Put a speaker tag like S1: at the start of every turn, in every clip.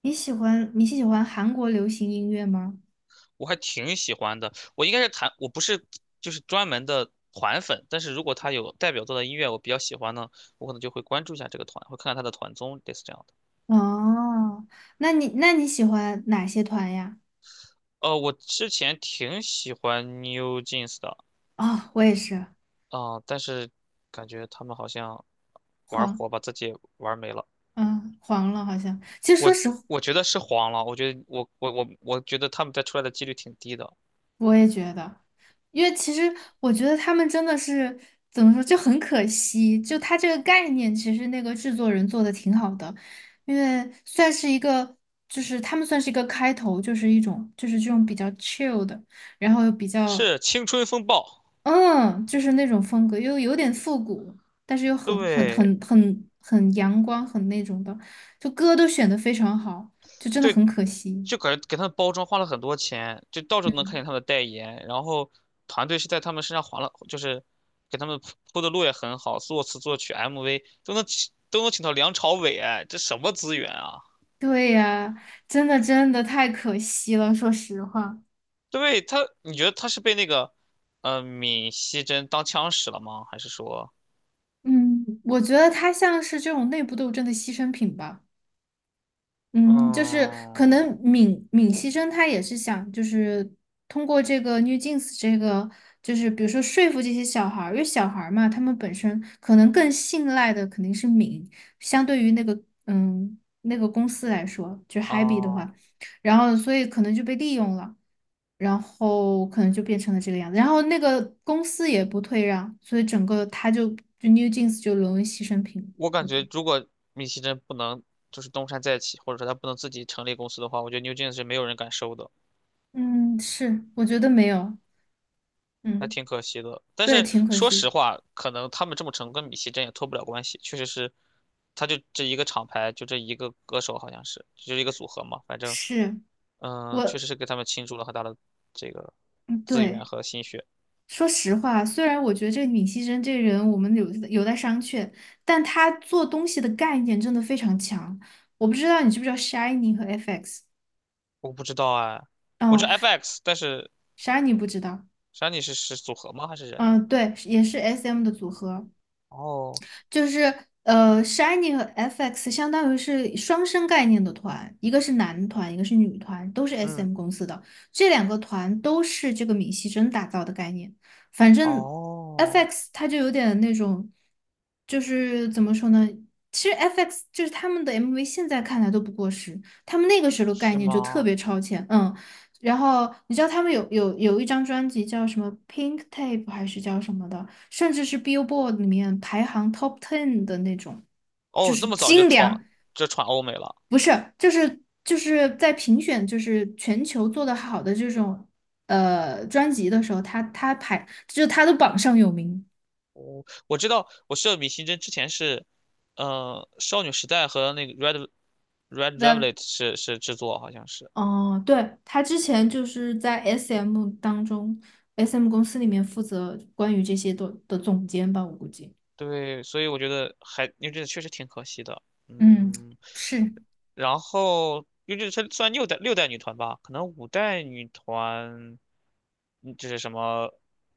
S1: 你喜欢韩国流行音乐吗？
S2: 我还挺喜欢的。我应该是弹，我不是专门的团粉，但是如果他有代表作的音乐我比较喜欢呢，我可能就会关注一下这个团，会看看他的团综，类似这样的。
S1: 哦，那你喜欢哪些团呀？
S2: 我之前挺喜欢 New Jeans 的
S1: 哦，我也是。
S2: 啊、但是感觉他们好像玩
S1: 黄，
S2: 火把自己玩没了。
S1: 嗯，黄了好像。其实
S2: 我
S1: 说实话，
S2: 我觉得是黄了，我觉得我觉得他们再出来的几率挺低的。
S1: 我也觉得，因为其实我觉得他们真的是怎么说，就很可惜。就他这个概念，其实那个制作人做的挺好的，因为算是一个，就是他们算是一个开头，就是一种就是这种比较 chill 的，然后又比较。
S2: 是青春风暴，
S1: 嗯，就是那种风格，又有点复古，但是又很很
S2: 对
S1: 很很很阳光，很那种的，就歌都选的非常好，就真的很
S2: 对，
S1: 可惜。
S2: 就感觉给他们包装花了很多钱，就到处都能看
S1: 嗯，
S2: 见他们的代言，然后团队是在他们身上划了，就是给他们铺的路也很好，作词作曲 MV 都能请到梁朝伟，哎，这什么资源啊？
S1: 对呀，真的真的太可惜了，说实话。
S2: 对他，你觉得他是被那个闵熙珍当枪使了吗？还是说，
S1: 嗯，我觉得他像是这种内部斗争的牺牲品吧。嗯，就是
S2: 嗯，
S1: 可能闵熙珍他也是想，就是通过这个 New Jeans 这个，就是比如说说服这些小孩儿，因为小孩儿嘛，他们本身可能更信赖的肯定是闵，相对于那个公司来说，就 Happy 的
S2: 哦，
S1: 话，然后所以可能就被利用了，然后可能就变成了这个样子，然后那个公司也不退让，所以整个他就 New Jeans 就沦为牺牲品，
S2: 我
S1: 我
S2: 感
S1: 觉得。
S2: 觉如果闵熙珍不能就是东山再起，或者说他不能自己成立公司的话，我觉得牛 e 是没有人敢收的。
S1: 嗯，是，我觉得没有。
S2: 还
S1: 嗯。
S2: 挺可惜的。但
S1: 对，
S2: 是
S1: 挺可
S2: 说实
S1: 惜。
S2: 话，可能他们这么成功跟米奇真也脱不了关系，确实是，他就这一个厂牌，就这一个歌手，好像是，就是一个组合嘛，反正，
S1: 是
S2: 嗯，确
S1: 我。
S2: 实是给他们倾注了很大的这个
S1: 嗯
S2: 资
S1: 对，
S2: 源和心血。
S1: 说实话，虽然我觉得这个闵熙珍这个人，我们有待商榷，但他做东西的概念真的非常强。我不知道你知不知道 Shiny 和 FX，
S2: 我不知道哎，我知
S1: 嗯
S2: 道 FX,但是
S1: ，Shiny 不知道。
S2: 山里是组合吗？还是人呢？
S1: 嗯，对，也是 SM 的组合，
S2: 哦，
S1: 就是Shiny 和 FX 相当于是双生概念的团，一个是男团，一个是女团，都是
S2: 嗯，
S1: SM 公司的。这两个团都是这个闵熙珍打造的概念。反正
S2: 哦，
S1: FX 它就有点那种，就是怎么说呢？其实 FX 就是他们的 MV，现在看来都不过时，他们那个时候的概
S2: 是
S1: 念就特
S2: 吗？
S1: 别超前，嗯。然后你知道他们有一张专辑叫什么《Pink Tape》还是叫什么的？甚至是 Billboard 里面排行 Top Ten 的那种，就
S2: 哦，那
S1: 是
S2: 么早就
S1: 精
S2: 闯
S1: 良。
S2: 就闯欧美了。
S1: 不是，就是在评选就是全球做的好的这种专辑的时候，他排就是他的榜上有名。
S2: 我知道，我知道米星针之前是，少女时代和那个 Red Red
S1: 在
S2: Velvet 是制作，好像是。
S1: 哦，对，他之前就是在 SM 当中，SM 公司里面负责关于这些的总监吧，我估计。
S2: 对，所以我觉得还因为这个确实挺可惜的。
S1: 嗯，
S2: 嗯，
S1: 是。
S2: 然后优质它算六代女团吧，可能五代女团，嗯就是什么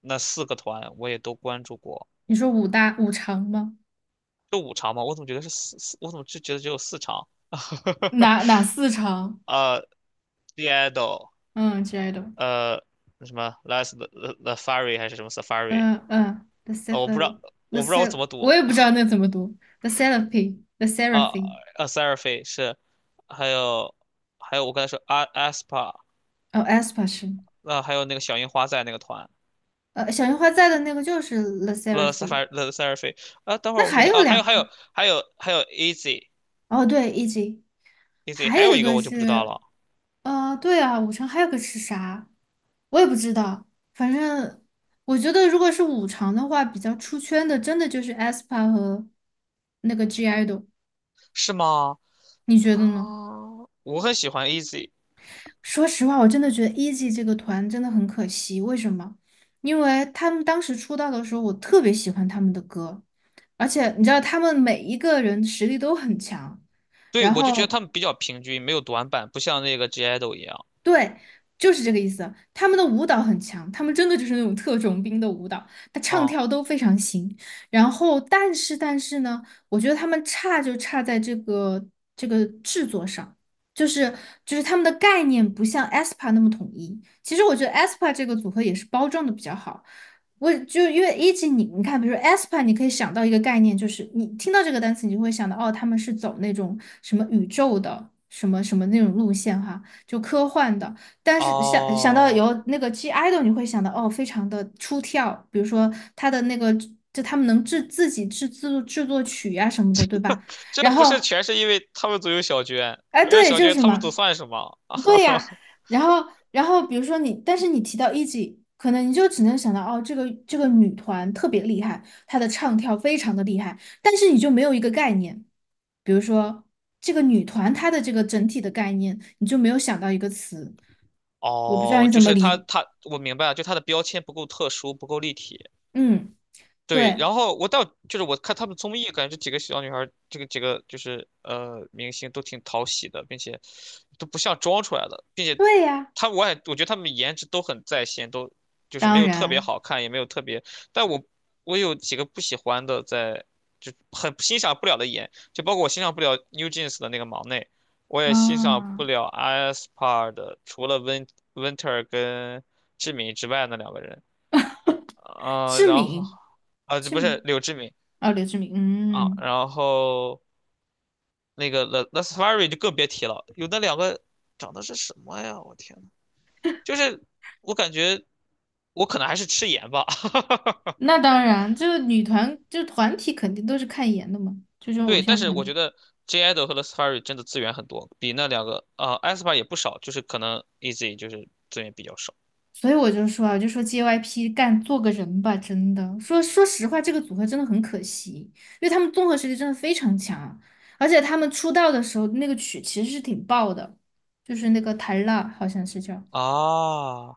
S2: 那四个团我也都关注过，
S1: 你说五大五常吗？
S2: 就五场嘛，我怎么觉得是四四，我怎么就觉得只有四场？
S1: 哪四常？
S2: 呃 d i d o
S1: 嗯之类的。
S2: 呃，什么 Las t the h t Safari 还是什么 Safari?
S1: 嗯嗯，The s e
S2: 我
S1: v e
S2: 不知道，
S1: n。
S2: 我不知道我怎 么读
S1: 我也不知道那怎么读，The
S2: 啊
S1: Seraphy，
S2: s a r f i 是，还有还有我刚才说 A Aspa,
S1: 哦 a s p a 是，
S2: 那还有那个小樱花在那个团
S1: 小樱花在的那个就是 The
S2: t h e
S1: Seraphy。
S2: Safari t h e s a r f i 啊，等会
S1: 那
S2: 儿我想
S1: 还
S2: 想
S1: 有
S2: 啊，还有
S1: 两，
S2: 还有还有还有 Easy
S1: 哦对，E.G，
S2: Easy,
S1: 还
S2: 还
S1: 有
S2: 有
S1: 一
S2: 一个
S1: 个
S2: 我就不知道
S1: 是，
S2: 了，
S1: 对啊，五常还有个是啥，我也不知道。反正我觉得如果是五常的话，比较出圈的，真的就是 a s p a 和那个 G Idol，
S2: 是吗？
S1: 你觉
S2: 啊，
S1: 得呢？
S2: 我很喜欢 Easy。
S1: 说实话，我真的觉得 Easy 这个团真的很可惜。为什么？因为他们当时出道的时候，我特别喜欢他们的歌，而且你知道，他们每一个人实力都很强。
S2: 对，
S1: 然
S2: 我就觉得
S1: 后
S2: 他们比较平均，没有短板，不像那个 g idol 一样
S1: 对，就是这个意思。他们的舞蹈很强，他们真的就是那种特种兵的舞蹈，他唱
S2: 啊，
S1: 跳都非常行。然后，但是呢，我觉得他们差就差在这个制作上，就是就是他们的概念不像 aespa 那么统一。其实我觉得 aespa 这个组合也是包装的比较好。我就因为一级你看，比如说 aespa，你可以想到一个概念，就是你听到这个单词，你就会想到哦，他们是走那种什么宇宙的什么什么那种路线哈。就科幻的。但是想到
S2: 哦。
S1: 有那个 G idol，你会想到哦，非常的出挑，比如说他的那个，就他们能制自己制制作制作曲呀、什么的，对吧？
S2: 这
S1: 然
S2: 不是
S1: 后
S2: 全是因为他们组有小娟，
S1: 哎，
S2: 没了
S1: 对，
S2: 小
S1: 就
S2: 娟，
S1: 是
S2: 他们
S1: 嘛。
S2: 组算什么？
S1: 对呀。然后，然后，比如说你，但是你提到 E.G，可能你就只能想到哦，这个这个女团特别厉害，她的唱跳非常的厉害，但是你就没有一个概念，比如说这个女团她的这个整体的概念，你就没有想到一个词，我不知道
S2: 哦，
S1: 你
S2: 就
S1: 怎么
S2: 是他
S1: 理。
S2: 他，我明白了，就他的标签不够特殊，不够立体。
S1: 嗯，
S2: 对，
S1: 对。
S2: 然后我到就是我看他们综艺，感觉这几个小女孩儿这个几个明星都挺讨喜的，并且都不像装出来的，并且
S1: 对呀。
S2: 她我也我觉得她们颜值都很在线，都就是没
S1: 当
S2: 有特别
S1: 然
S2: 好看，也没有特别，但我有几个不喜欢的在，就很欣赏不了的颜，就包括我欣赏不了 NewJeans 的那个忙内，我也欣赏不
S1: 啊。
S2: 了 a s p a 的，除了温 Winter 跟志敏之外那两个人。啊、
S1: 志
S2: 然后
S1: 敏，
S2: 啊，这
S1: 志
S2: 不是
S1: 敏。
S2: 柳志敏
S1: 哦，刘志敏，
S2: 啊，
S1: 嗯。
S2: 然后那个 La s f a r i 就更别提了，有那两个长得是什么呀？我天呐，就是我感觉我可能还是吃盐吧，
S1: 那当然，就是女团，就是团体肯定都是看颜的嘛，就这种偶
S2: 对，但
S1: 像
S2: 是
S1: 团
S2: 我
S1: 体。
S2: 觉得 J i d o 和 La s f a r i 真的资源很多，比那两个啊 a s p a 也不少，就是可能 Easy 就是资源比较少
S1: 所以我就说啊，我就说 JYP 干做个人吧，真的。说实话，这个组合真的很可惜，因为他们综合实力真的非常强，而且他们出道的时候那个曲其实是挺爆的，就是那个《台辣》好像是叫
S2: 啊。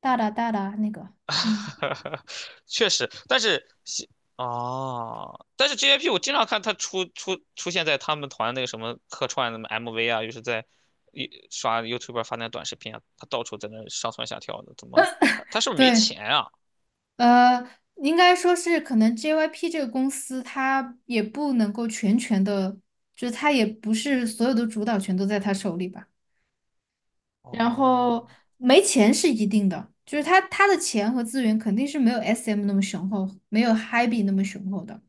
S1: 大那个。嗯，
S2: 确实，但是西哦，但是 JYP 我经常看他出现在他们团那个什么客串的 MV 啊，又是在一刷 YouTube 发那短视频啊，他到处在那上蹿下跳的，怎么他是不是没
S1: 对，
S2: 钱啊？
S1: 呃，应该说是可能 JYP 这个公司，它也不能够全权的，就是它也不是所有的主导权都在他手里吧。然
S2: 哦
S1: 后没钱是一定的，就是他的钱和资源肯定是没有 SM 那么雄厚，没有 HYBE 那么雄厚的。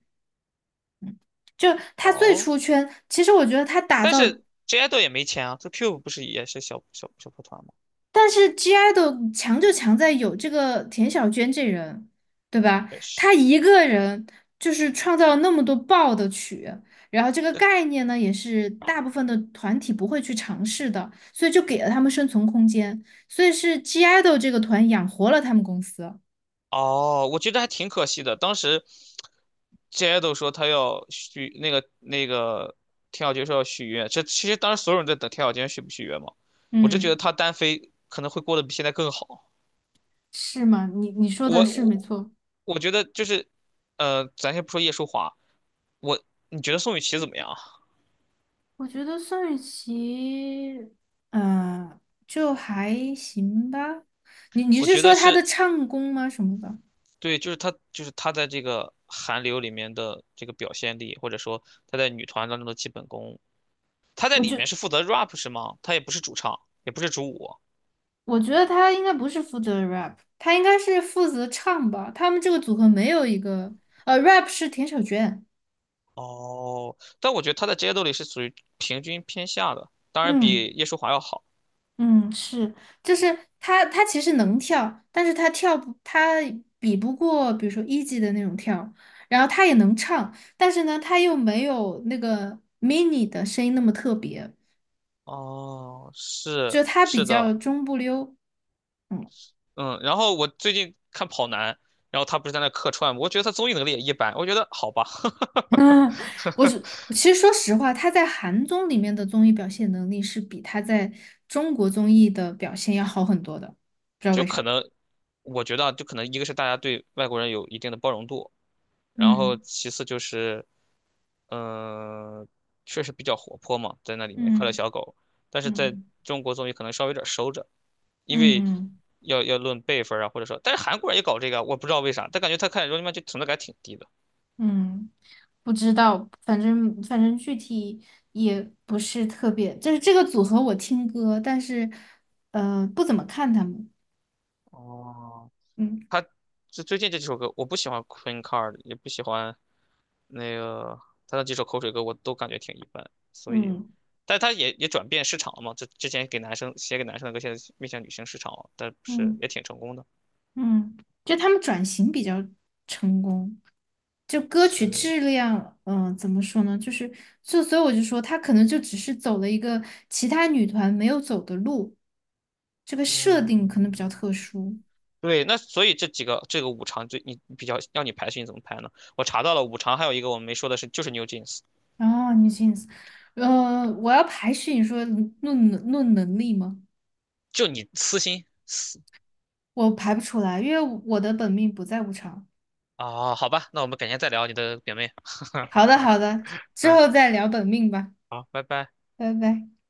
S1: 就他最
S2: 哦，
S1: 出圈，其实我觉得他打
S2: 但
S1: 造。
S2: 是 J idol 也没钱啊，这 Cube 不是也是小破团吗？
S1: 但是 GI 的强就强在有这个田小娟这人，对吧？
S2: 也是。
S1: 她
S2: 这
S1: 一个人就是创造了那么多爆的曲，然后这个概念呢，也是大部分的团体不会去尝试的，所以就给了他们生存空间，所以是 GI 的这个团养活了他们公司。
S2: 哦，我觉得还挺可惜的。当时 j 都说他要许那个田小娟说要续约，这其实当时所有人都在等田小娟续不续约嘛。我就觉得
S1: 嗯，
S2: 他单飞可能会过得比现在更好。
S1: 是吗？你说的
S2: 我
S1: 是没
S2: 我
S1: 错。
S2: 我觉得就是，咱先不说叶舒华，我你觉得宋雨琦怎么样啊？
S1: 我觉得宋雨琦，嗯，就还行吧。你
S2: 我
S1: 是
S2: 觉
S1: 说
S2: 得
S1: 她的
S2: 是
S1: 唱功吗？什么的？
S2: 对，就是她在这个韩流里面的这个表现力，或者说她在女团当中的基本功，她在
S1: 我
S2: 里
S1: 就。
S2: 面是负责 rap 是吗？她也不是主唱，也不是主舞。
S1: 我觉得他应该不是负责 rap，他应该是负责唱吧。他们这个组合没有一个，呃，rap 是田小娟。
S2: 哦，但我觉得他在职业斗里是属于平均偏下的，当然比
S1: 嗯
S2: 叶舒华要好。
S1: 嗯，是，就是他其实能跳，但是他比不过，比如说一级的那种跳，然后他也能唱，但是呢，他又没有那个 mini 的声音那么特别，
S2: 哦，是
S1: 就他比
S2: 是的，
S1: 较中不溜。嗯
S2: 嗯，然后我最近看跑男，然后他不是在那客串吗我觉得他综艺能力也一般，我觉得好吧，
S1: 啊，我是其实说实话，他在韩综里面的综艺表现能力是比他在中国综艺的表现要好很多的，不知 道
S2: 就
S1: 为
S2: 可
S1: 啥。
S2: 能，我觉得啊就可能一个是大家对外国人有一定的包容度，然后
S1: 嗯
S2: 其次就是，嗯、确实比较活泼嘛，在那里面快乐
S1: 嗯
S2: 小狗，但是在
S1: 嗯
S2: 中国综艺可能稍微有点收着，因为
S1: 嗯
S2: 要论辈分啊，或者说，但是韩国人也搞这个啊我不知道为啥，但感觉他看《r u n n i 就存在感挺低的。
S1: 嗯，不知道，反正具体也不是特别，就是这个组合我听歌，但是不怎么看他们。
S2: 哦，
S1: 嗯，
S2: 他就最近这几首歌，我不喜欢 Queen Card,也不喜欢那个他那几首口水歌，我都感觉挺一般。所以，
S1: 嗯
S2: 但他也也转变市场了嘛，就之前给男生写给男生的歌，现在面向女性市场了，但是
S1: 嗯
S2: 也挺成功的。
S1: 嗯就他们转型比较成功。就歌曲
S2: 是，
S1: 质量，怎么说呢？就是，就所以我就说，他可能就只是走了一个其他女团没有走的路，这个设定可能比较
S2: 嗯，
S1: 特殊。
S2: 对，那所以这几个这个五常就你比较要你排序，你怎么排呢？我查到了五常，还有一个我们没说的是，就是 New Jeans,
S1: 然后 n e Jeans，我要排序，你说论能力吗？
S2: 就你私心私
S1: 我排不出来，因为我的本命不在舞场。
S2: 啊、好吧，那我们改天再聊你的表妹，
S1: 好 的，好的，之
S2: 嗯，
S1: 后再聊本命吧，
S2: 好，拜拜。
S1: 拜拜。